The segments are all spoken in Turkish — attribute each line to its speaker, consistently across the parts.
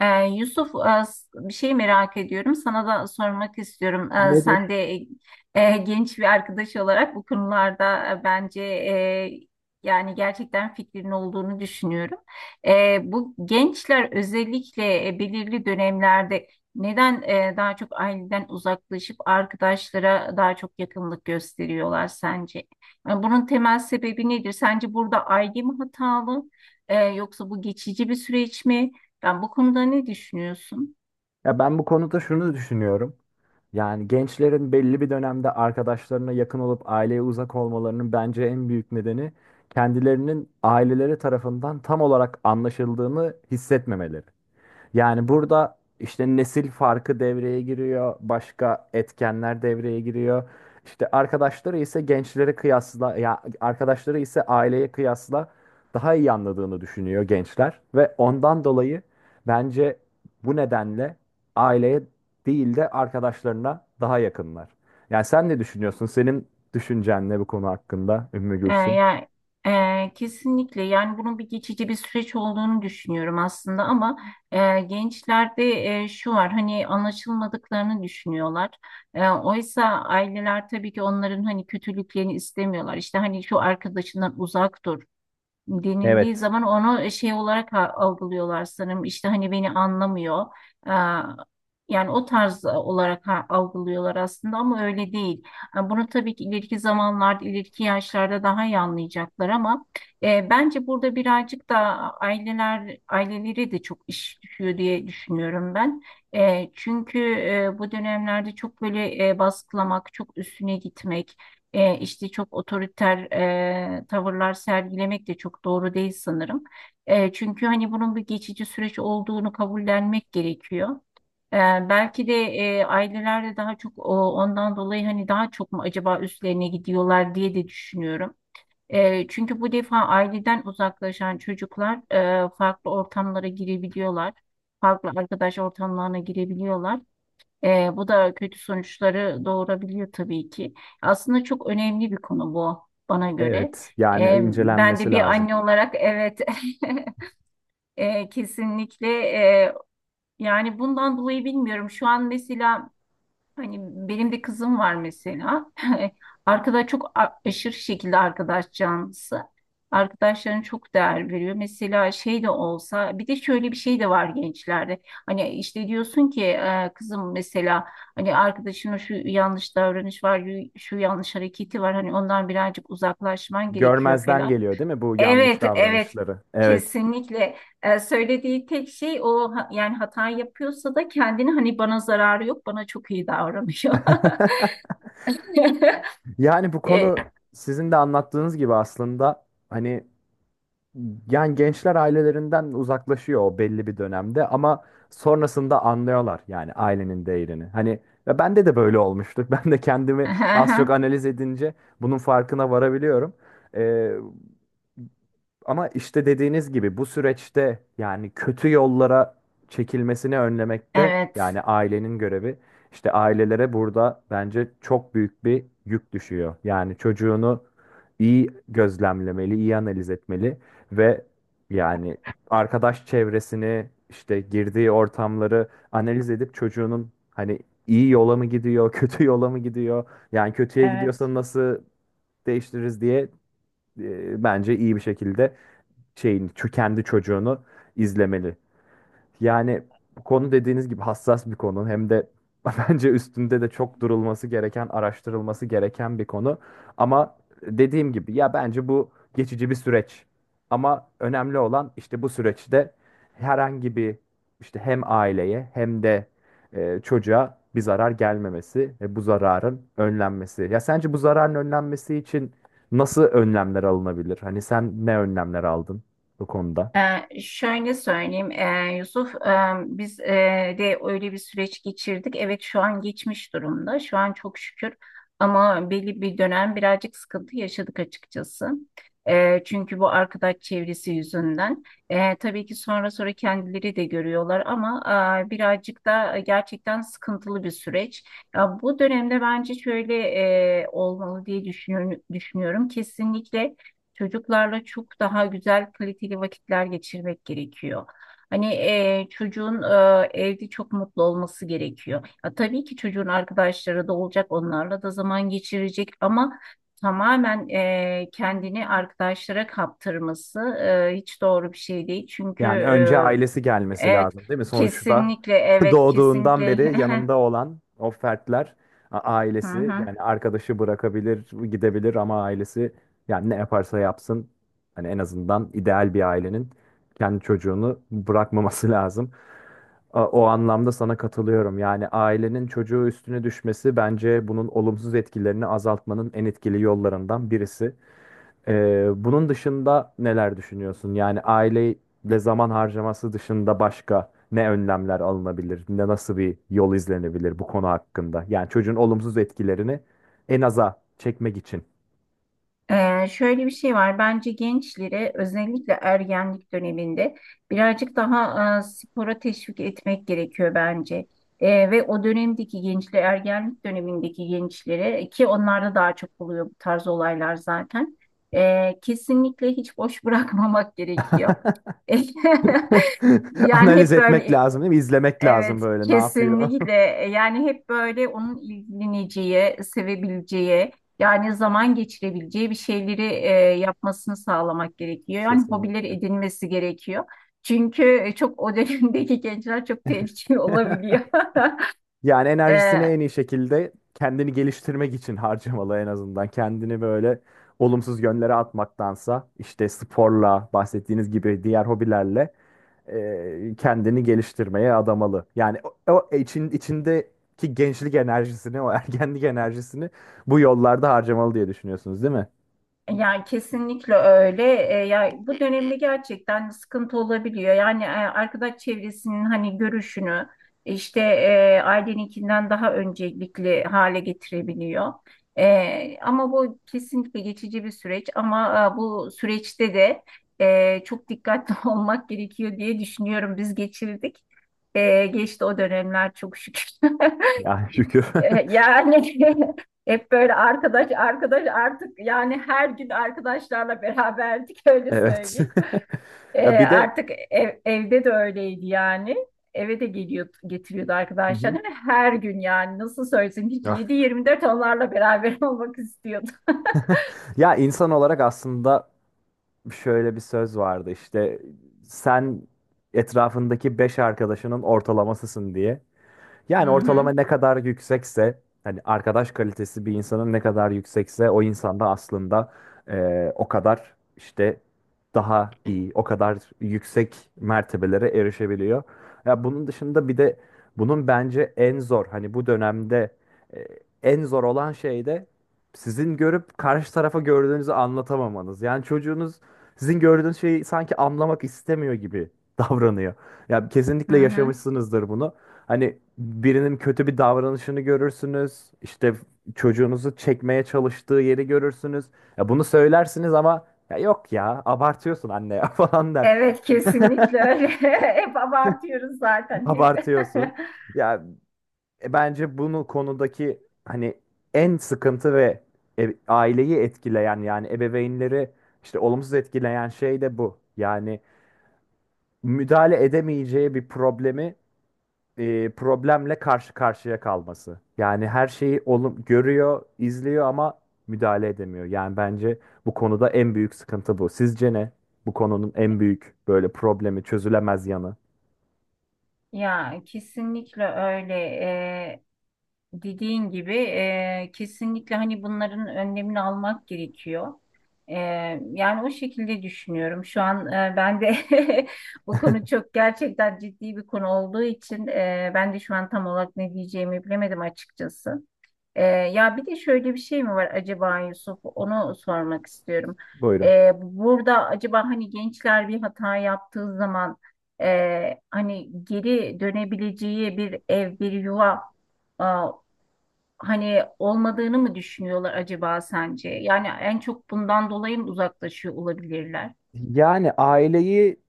Speaker 1: Yusuf, bir şey merak ediyorum. Sana da sormak istiyorum. Sen
Speaker 2: Nedir?
Speaker 1: de genç bir arkadaş olarak bu konularda bence yani gerçekten fikrin olduğunu düşünüyorum. Bu gençler özellikle belirli dönemlerde neden daha çok aileden uzaklaşıp arkadaşlara daha çok yakınlık gösteriyorlar sence? Yani bunun temel sebebi nedir? Sence burada aile mi hatalı? Yoksa bu geçici bir süreç mi? Ya bu konuda ne düşünüyorsun?
Speaker 2: Ya ben bu konuda şunu düşünüyorum. Yani gençlerin belli bir dönemde arkadaşlarına yakın olup aileye uzak olmalarının bence en büyük nedeni kendilerinin aileleri tarafından tam olarak anlaşıldığını hissetmemeleri. Yani burada işte nesil farkı devreye giriyor, başka etkenler devreye giriyor. İşte arkadaşları ise gençlere kıyasla, ya arkadaşları ise aileye kıyasla daha iyi anladığını düşünüyor gençler ve ondan dolayı bence bu nedenle aileye değil de arkadaşlarına daha yakınlar. Yani sen ne düşünüyorsun? Senin düşüncen ne bu konu hakkında Ümmü
Speaker 1: Ee,
Speaker 2: Gülsüm?
Speaker 1: ya e, kesinlikle yani bunun bir geçici bir süreç olduğunu düşünüyorum aslında ama gençlerde şu var hani anlaşılmadıklarını düşünüyorlar. Oysa aileler tabii ki onların hani kötülüklerini istemiyorlar. İşte hani şu arkadaşından uzak dur, denildiği
Speaker 2: Evet,
Speaker 1: zaman onu şey olarak algılıyorlar sanırım. İşte hani beni anlamıyor. Aa, Yani o tarz olarak algılıyorlar aslında ama öyle değil. Ha, Bunu tabii ki ileriki zamanlarda, ileriki yaşlarda daha iyi anlayacaklar ama bence burada birazcık da ailelere de çok iş düşüyor diye düşünüyorum ben. Çünkü bu dönemlerde çok böyle baskılamak, çok üstüne gitmek, işte çok otoriter tavırlar sergilemek de çok doğru değil sanırım. Çünkü hani bunun bir geçici süreç olduğunu kabullenmek gerekiyor. E, belki de aileler de daha çok ondan dolayı hani daha çok mu acaba üstlerine gidiyorlar diye de düşünüyorum. Çünkü bu defa aileden uzaklaşan çocuklar farklı ortamlara girebiliyorlar. Farklı arkadaş ortamlarına girebiliyorlar. Bu da kötü sonuçları doğurabiliyor tabii ki. Aslında çok önemli bir konu bu bana göre.
Speaker 2: evet. Yani
Speaker 1: Ben de
Speaker 2: incelenmesi
Speaker 1: bir
Speaker 2: lazım.
Speaker 1: anne olarak evet kesinlikle yani bundan dolayı bilmiyorum. Şu an mesela, hani benim de kızım var mesela. Arkadaş çok aşırı şekilde arkadaş canlısı. Arkadaşlarına çok değer veriyor. Mesela şey de olsa bir de şöyle bir şey de var gençlerde. Hani işte diyorsun ki kızım mesela hani arkadaşına şu yanlış davranış var, şu yanlış hareketi var. Hani ondan birazcık uzaklaşman gerekiyor
Speaker 2: Görmezden
Speaker 1: falan.
Speaker 2: geliyor değil mi bu yanlış
Speaker 1: Evet, evet.
Speaker 2: davranışları? Evet.
Speaker 1: Kesinlikle. Söylediği tek şey o yani hata yapıyorsa da kendini hani bana zararı yok, bana çok iyi davranıyor.
Speaker 2: Yani bu
Speaker 1: Ee,
Speaker 2: konu sizin de anlattığınız gibi aslında hani yani gençler ailelerinden uzaklaşıyor o belli bir dönemde ama sonrasında anlıyorlar yani ailenin değerini. Hani ve bende de böyle olmuştu. Ben de kendimi az çok analiz edince bunun farkına varabiliyorum. Ee, Ama işte dediğiniz gibi bu süreçte yani kötü yollara çekilmesini önlemekte
Speaker 1: Evet,
Speaker 2: yani ailenin görevi. İşte ailelere burada bence çok büyük bir yük düşüyor. Yani çocuğunu iyi gözlemlemeli, iyi analiz etmeli ve yani arkadaş çevresini, işte girdiği ortamları analiz edip çocuğunun hani iyi yola mı gidiyor, kötü yola mı gidiyor? Yani kötüye
Speaker 1: evet.
Speaker 2: gidiyorsa nasıl değiştiririz diye bence iyi bir şekilde şeyini, kendi çocuğunu izlemeli. Yani bu konu dediğiniz gibi hassas bir konu. Hem de bence üstünde de çok durulması gereken, araştırılması gereken bir konu. Ama dediğim gibi ya bence bu geçici bir süreç. Ama önemli olan işte bu süreçte herhangi bir işte hem aileye hem de çocuğa bir zarar gelmemesi ve bu zararın önlenmesi. Ya sence bu zararın önlenmesi için nasıl önlemler alınabilir? Hani sen ne önlemler aldın bu konuda?
Speaker 1: Şöyle söyleyeyim Yusuf, biz de öyle bir süreç geçirdik. Evet, şu an geçmiş durumda. Şu an çok şükür ama belli bir dönem birazcık sıkıntı yaşadık açıkçası. Çünkü bu arkadaş çevresi yüzünden. Tabii ki sonra sonra kendileri de görüyorlar ama birazcık da gerçekten sıkıntılı bir süreç. Ya, bu dönemde bence şöyle olmalı diye düşünüyorum. Kesinlikle. Çocuklarla çok daha güzel kaliteli vakitler geçirmek gerekiyor. Hani çocuğun evde çok mutlu olması gerekiyor. Ya, tabii ki çocuğun arkadaşları da olacak, onlarla da zaman geçirecek ama tamamen kendini arkadaşlara kaptırması hiç doğru bir şey değil. Çünkü
Speaker 2: Yani önce ailesi gelmesi
Speaker 1: evet,
Speaker 2: lazım değil mi? Sonuçta
Speaker 1: kesinlikle, evet,
Speaker 2: doğduğundan
Speaker 1: kesinlikle.
Speaker 2: beri yanında olan o fertler
Speaker 1: Hı
Speaker 2: ailesi
Speaker 1: hı.
Speaker 2: yani arkadaşı bırakabilir, gidebilir ama ailesi yani ne yaparsa yapsın hani en azından ideal bir ailenin kendi çocuğunu bırakmaması lazım. O anlamda sana katılıyorum. Yani ailenin çocuğu üstüne düşmesi bence bunun olumsuz etkilerini azaltmanın en etkili yollarından birisi. Bunun dışında neler düşünüyorsun? Yani aileyle zaman harcaması dışında başka ne önlemler alınabilir? Ne nasıl bir yol izlenebilir bu konu hakkında? Yani çocuğun olumsuz etkilerini en aza çekmek için.
Speaker 1: Şöyle bir şey var. Bence gençlere özellikle ergenlik döneminde birazcık daha spora teşvik etmek gerekiyor bence. Ve o dönemdeki gençler, ergenlik dönemindeki gençlere ki onlarda daha çok oluyor bu tarz olaylar zaten. Kesinlikle hiç boş bırakmamak gerekiyor. Yani
Speaker 2: Analiz
Speaker 1: hep
Speaker 2: etmek
Speaker 1: böyle.
Speaker 2: lazım değil mi? İzlemek lazım
Speaker 1: Evet,
Speaker 2: böyle ne yapıyor?
Speaker 1: kesinlikle. Yani hep böyle onun ilgileneceği, sevebileceği, yani zaman geçirebileceği bir şeyleri yapmasını sağlamak gerekiyor. Yani hobileri
Speaker 2: Kesinlikle.
Speaker 1: edinmesi gerekiyor. Çünkü çok o dönemdeki gençler çok tehlikeli olabiliyor.
Speaker 2: Yani
Speaker 1: E,
Speaker 2: enerjisini en iyi şekilde kendini geliştirmek için harcamalı en azından. Kendini böyle olumsuz yönlere atmaktansa işte sporla bahsettiğiniz gibi diğer hobilerle kendini geliştirmeye adamalı. Yani o, içindeki gençlik enerjisini, o ergenlik enerjisini bu yollarda harcamalı diye düşünüyorsunuz değil mi?
Speaker 1: Yani kesinlikle öyle. Ya, bu dönemde gerçekten sıkıntı olabiliyor. Yani arkadaş çevresinin hani görüşünü işte aileninkinden daha öncelikli hale getirebiliyor. Ama bu kesinlikle geçici bir süreç. Ama bu süreçte de çok dikkatli olmak gerekiyor diye düşünüyorum. Biz geçirdik. Geçti o dönemler çok şükür.
Speaker 2: Ya şükür.
Speaker 1: Yani hep böyle arkadaş arkadaş artık yani her gün arkadaşlarla beraberdik öyle
Speaker 2: Evet.
Speaker 1: söyleyeyim. E,
Speaker 2: Ya bir de
Speaker 1: artık evde de öyleydi yani. Eve de geliyordu getiriyordu
Speaker 2: hı
Speaker 1: arkadaşlarını
Speaker 2: hı,
Speaker 1: ve her gün yani nasıl söylesem hiç
Speaker 2: ya
Speaker 1: 7-24 onlarla beraber olmak istiyordu.
Speaker 2: ya insan olarak aslında şöyle bir söz vardı işte sen etrafındaki 5 arkadaşının ortalamasısın diye.
Speaker 1: Hı
Speaker 2: Yani ortalama
Speaker 1: hı,
Speaker 2: ne kadar yüksekse hani arkadaş kalitesi bir insanın ne kadar yüksekse o insanda aslında o kadar işte daha iyi, o kadar yüksek mertebelere erişebiliyor. Ya bunun dışında bir de bunun bence en zor hani bu dönemde e, en zor olan şey de sizin görüp karşı tarafa gördüğünüzü anlatamamanız. Yani çocuğunuz sizin gördüğünüz şeyi sanki anlamak istemiyor gibi davranıyor. Ya
Speaker 1: hı
Speaker 2: kesinlikle
Speaker 1: hı.
Speaker 2: yaşamışsınızdır bunu. Hani birinin kötü bir davranışını görürsünüz. İşte çocuğunuzu çekmeye çalıştığı yeri görürsünüz. Ya bunu söylersiniz ama ya yok ya abartıyorsun anne ya falan der.
Speaker 1: Evet, kesinlikle öyle. Hep abartıyoruz zaten. Hep.
Speaker 2: Abartıyorsun. Ya bence bunu konudaki hani en sıkıntı ve aileyi etkileyen yani ebeveynleri işte olumsuz etkileyen şey de bu. Yani müdahale edemeyeceği bir problemle karşı karşıya kalması. Yani her şeyi olum görüyor, izliyor ama müdahale edemiyor. Yani bence bu konuda en büyük sıkıntı bu. Sizce ne? Bu konunun en büyük böyle problemi, çözülemez yanı.
Speaker 1: Ya, kesinlikle öyle. Dediğin gibi kesinlikle hani bunların önlemini almak gerekiyor. E, yani o şekilde düşünüyorum. Şu an ben de bu konu çok gerçekten ciddi bir konu olduğu için ben de şu an tam olarak ne diyeceğimi bilemedim açıkçası. Ya, bir de şöyle bir şey mi var acaba Yusuf? Onu sormak istiyorum.
Speaker 2: Buyurun.
Speaker 1: Burada acaba hani gençler bir hata yaptığı zaman hani geri dönebileceği bir ev, bir yuva hani olmadığını mı düşünüyorlar acaba sence? Yani en çok bundan dolayı mı uzaklaşıyor olabilirler?
Speaker 2: Yani aileyi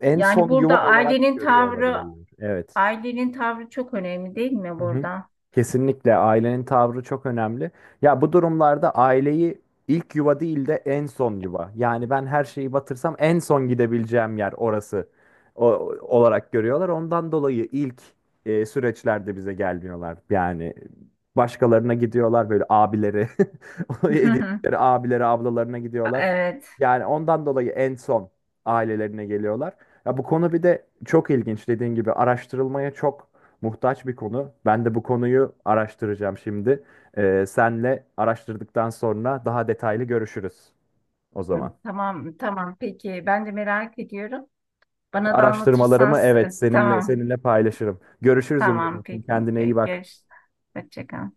Speaker 2: en
Speaker 1: Yani
Speaker 2: son yuva
Speaker 1: burada
Speaker 2: olarak görüyor olabilirler. Evet.
Speaker 1: ailenin tavrı çok önemli değil mi
Speaker 2: Hı hı.
Speaker 1: burada?
Speaker 2: Kesinlikle ailenin tavrı çok önemli. Ya bu durumlarda aileyi ilk yuva değil de en son yuva. Yani ben her şeyi batırsam en son gidebileceğim yer orası o, olarak görüyorlar. Ondan dolayı ilk süreçlerde bize gelmiyorlar. Yani başkalarına gidiyorlar böyle abileri, edindikleri abileri, ablalarına gidiyorlar.
Speaker 1: Evet.
Speaker 2: Yani ondan dolayı en son ailelerine geliyorlar. Ya bu konu bir de çok ilginç dediğin gibi araştırılmaya çok muhtaç bir konu. Ben de bu konuyu araştıracağım şimdi. Senle araştırdıktan sonra daha detaylı görüşürüz o zaman.
Speaker 1: Tamam, tamam. Peki. Ben de merak ediyorum. Bana da anlatırsan
Speaker 2: Araştırmalarımı evet seninle
Speaker 1: tamam.
Speaker 2: paylaşırım. Görüşürüz
Speaker 1: Tamam.
Speaker 2: Ümmü'cüğüm.
Speaker 1: Peki.
Speaker 2: Kendine iyi bak.
Speaker 1: Görüş. Hoşça kal.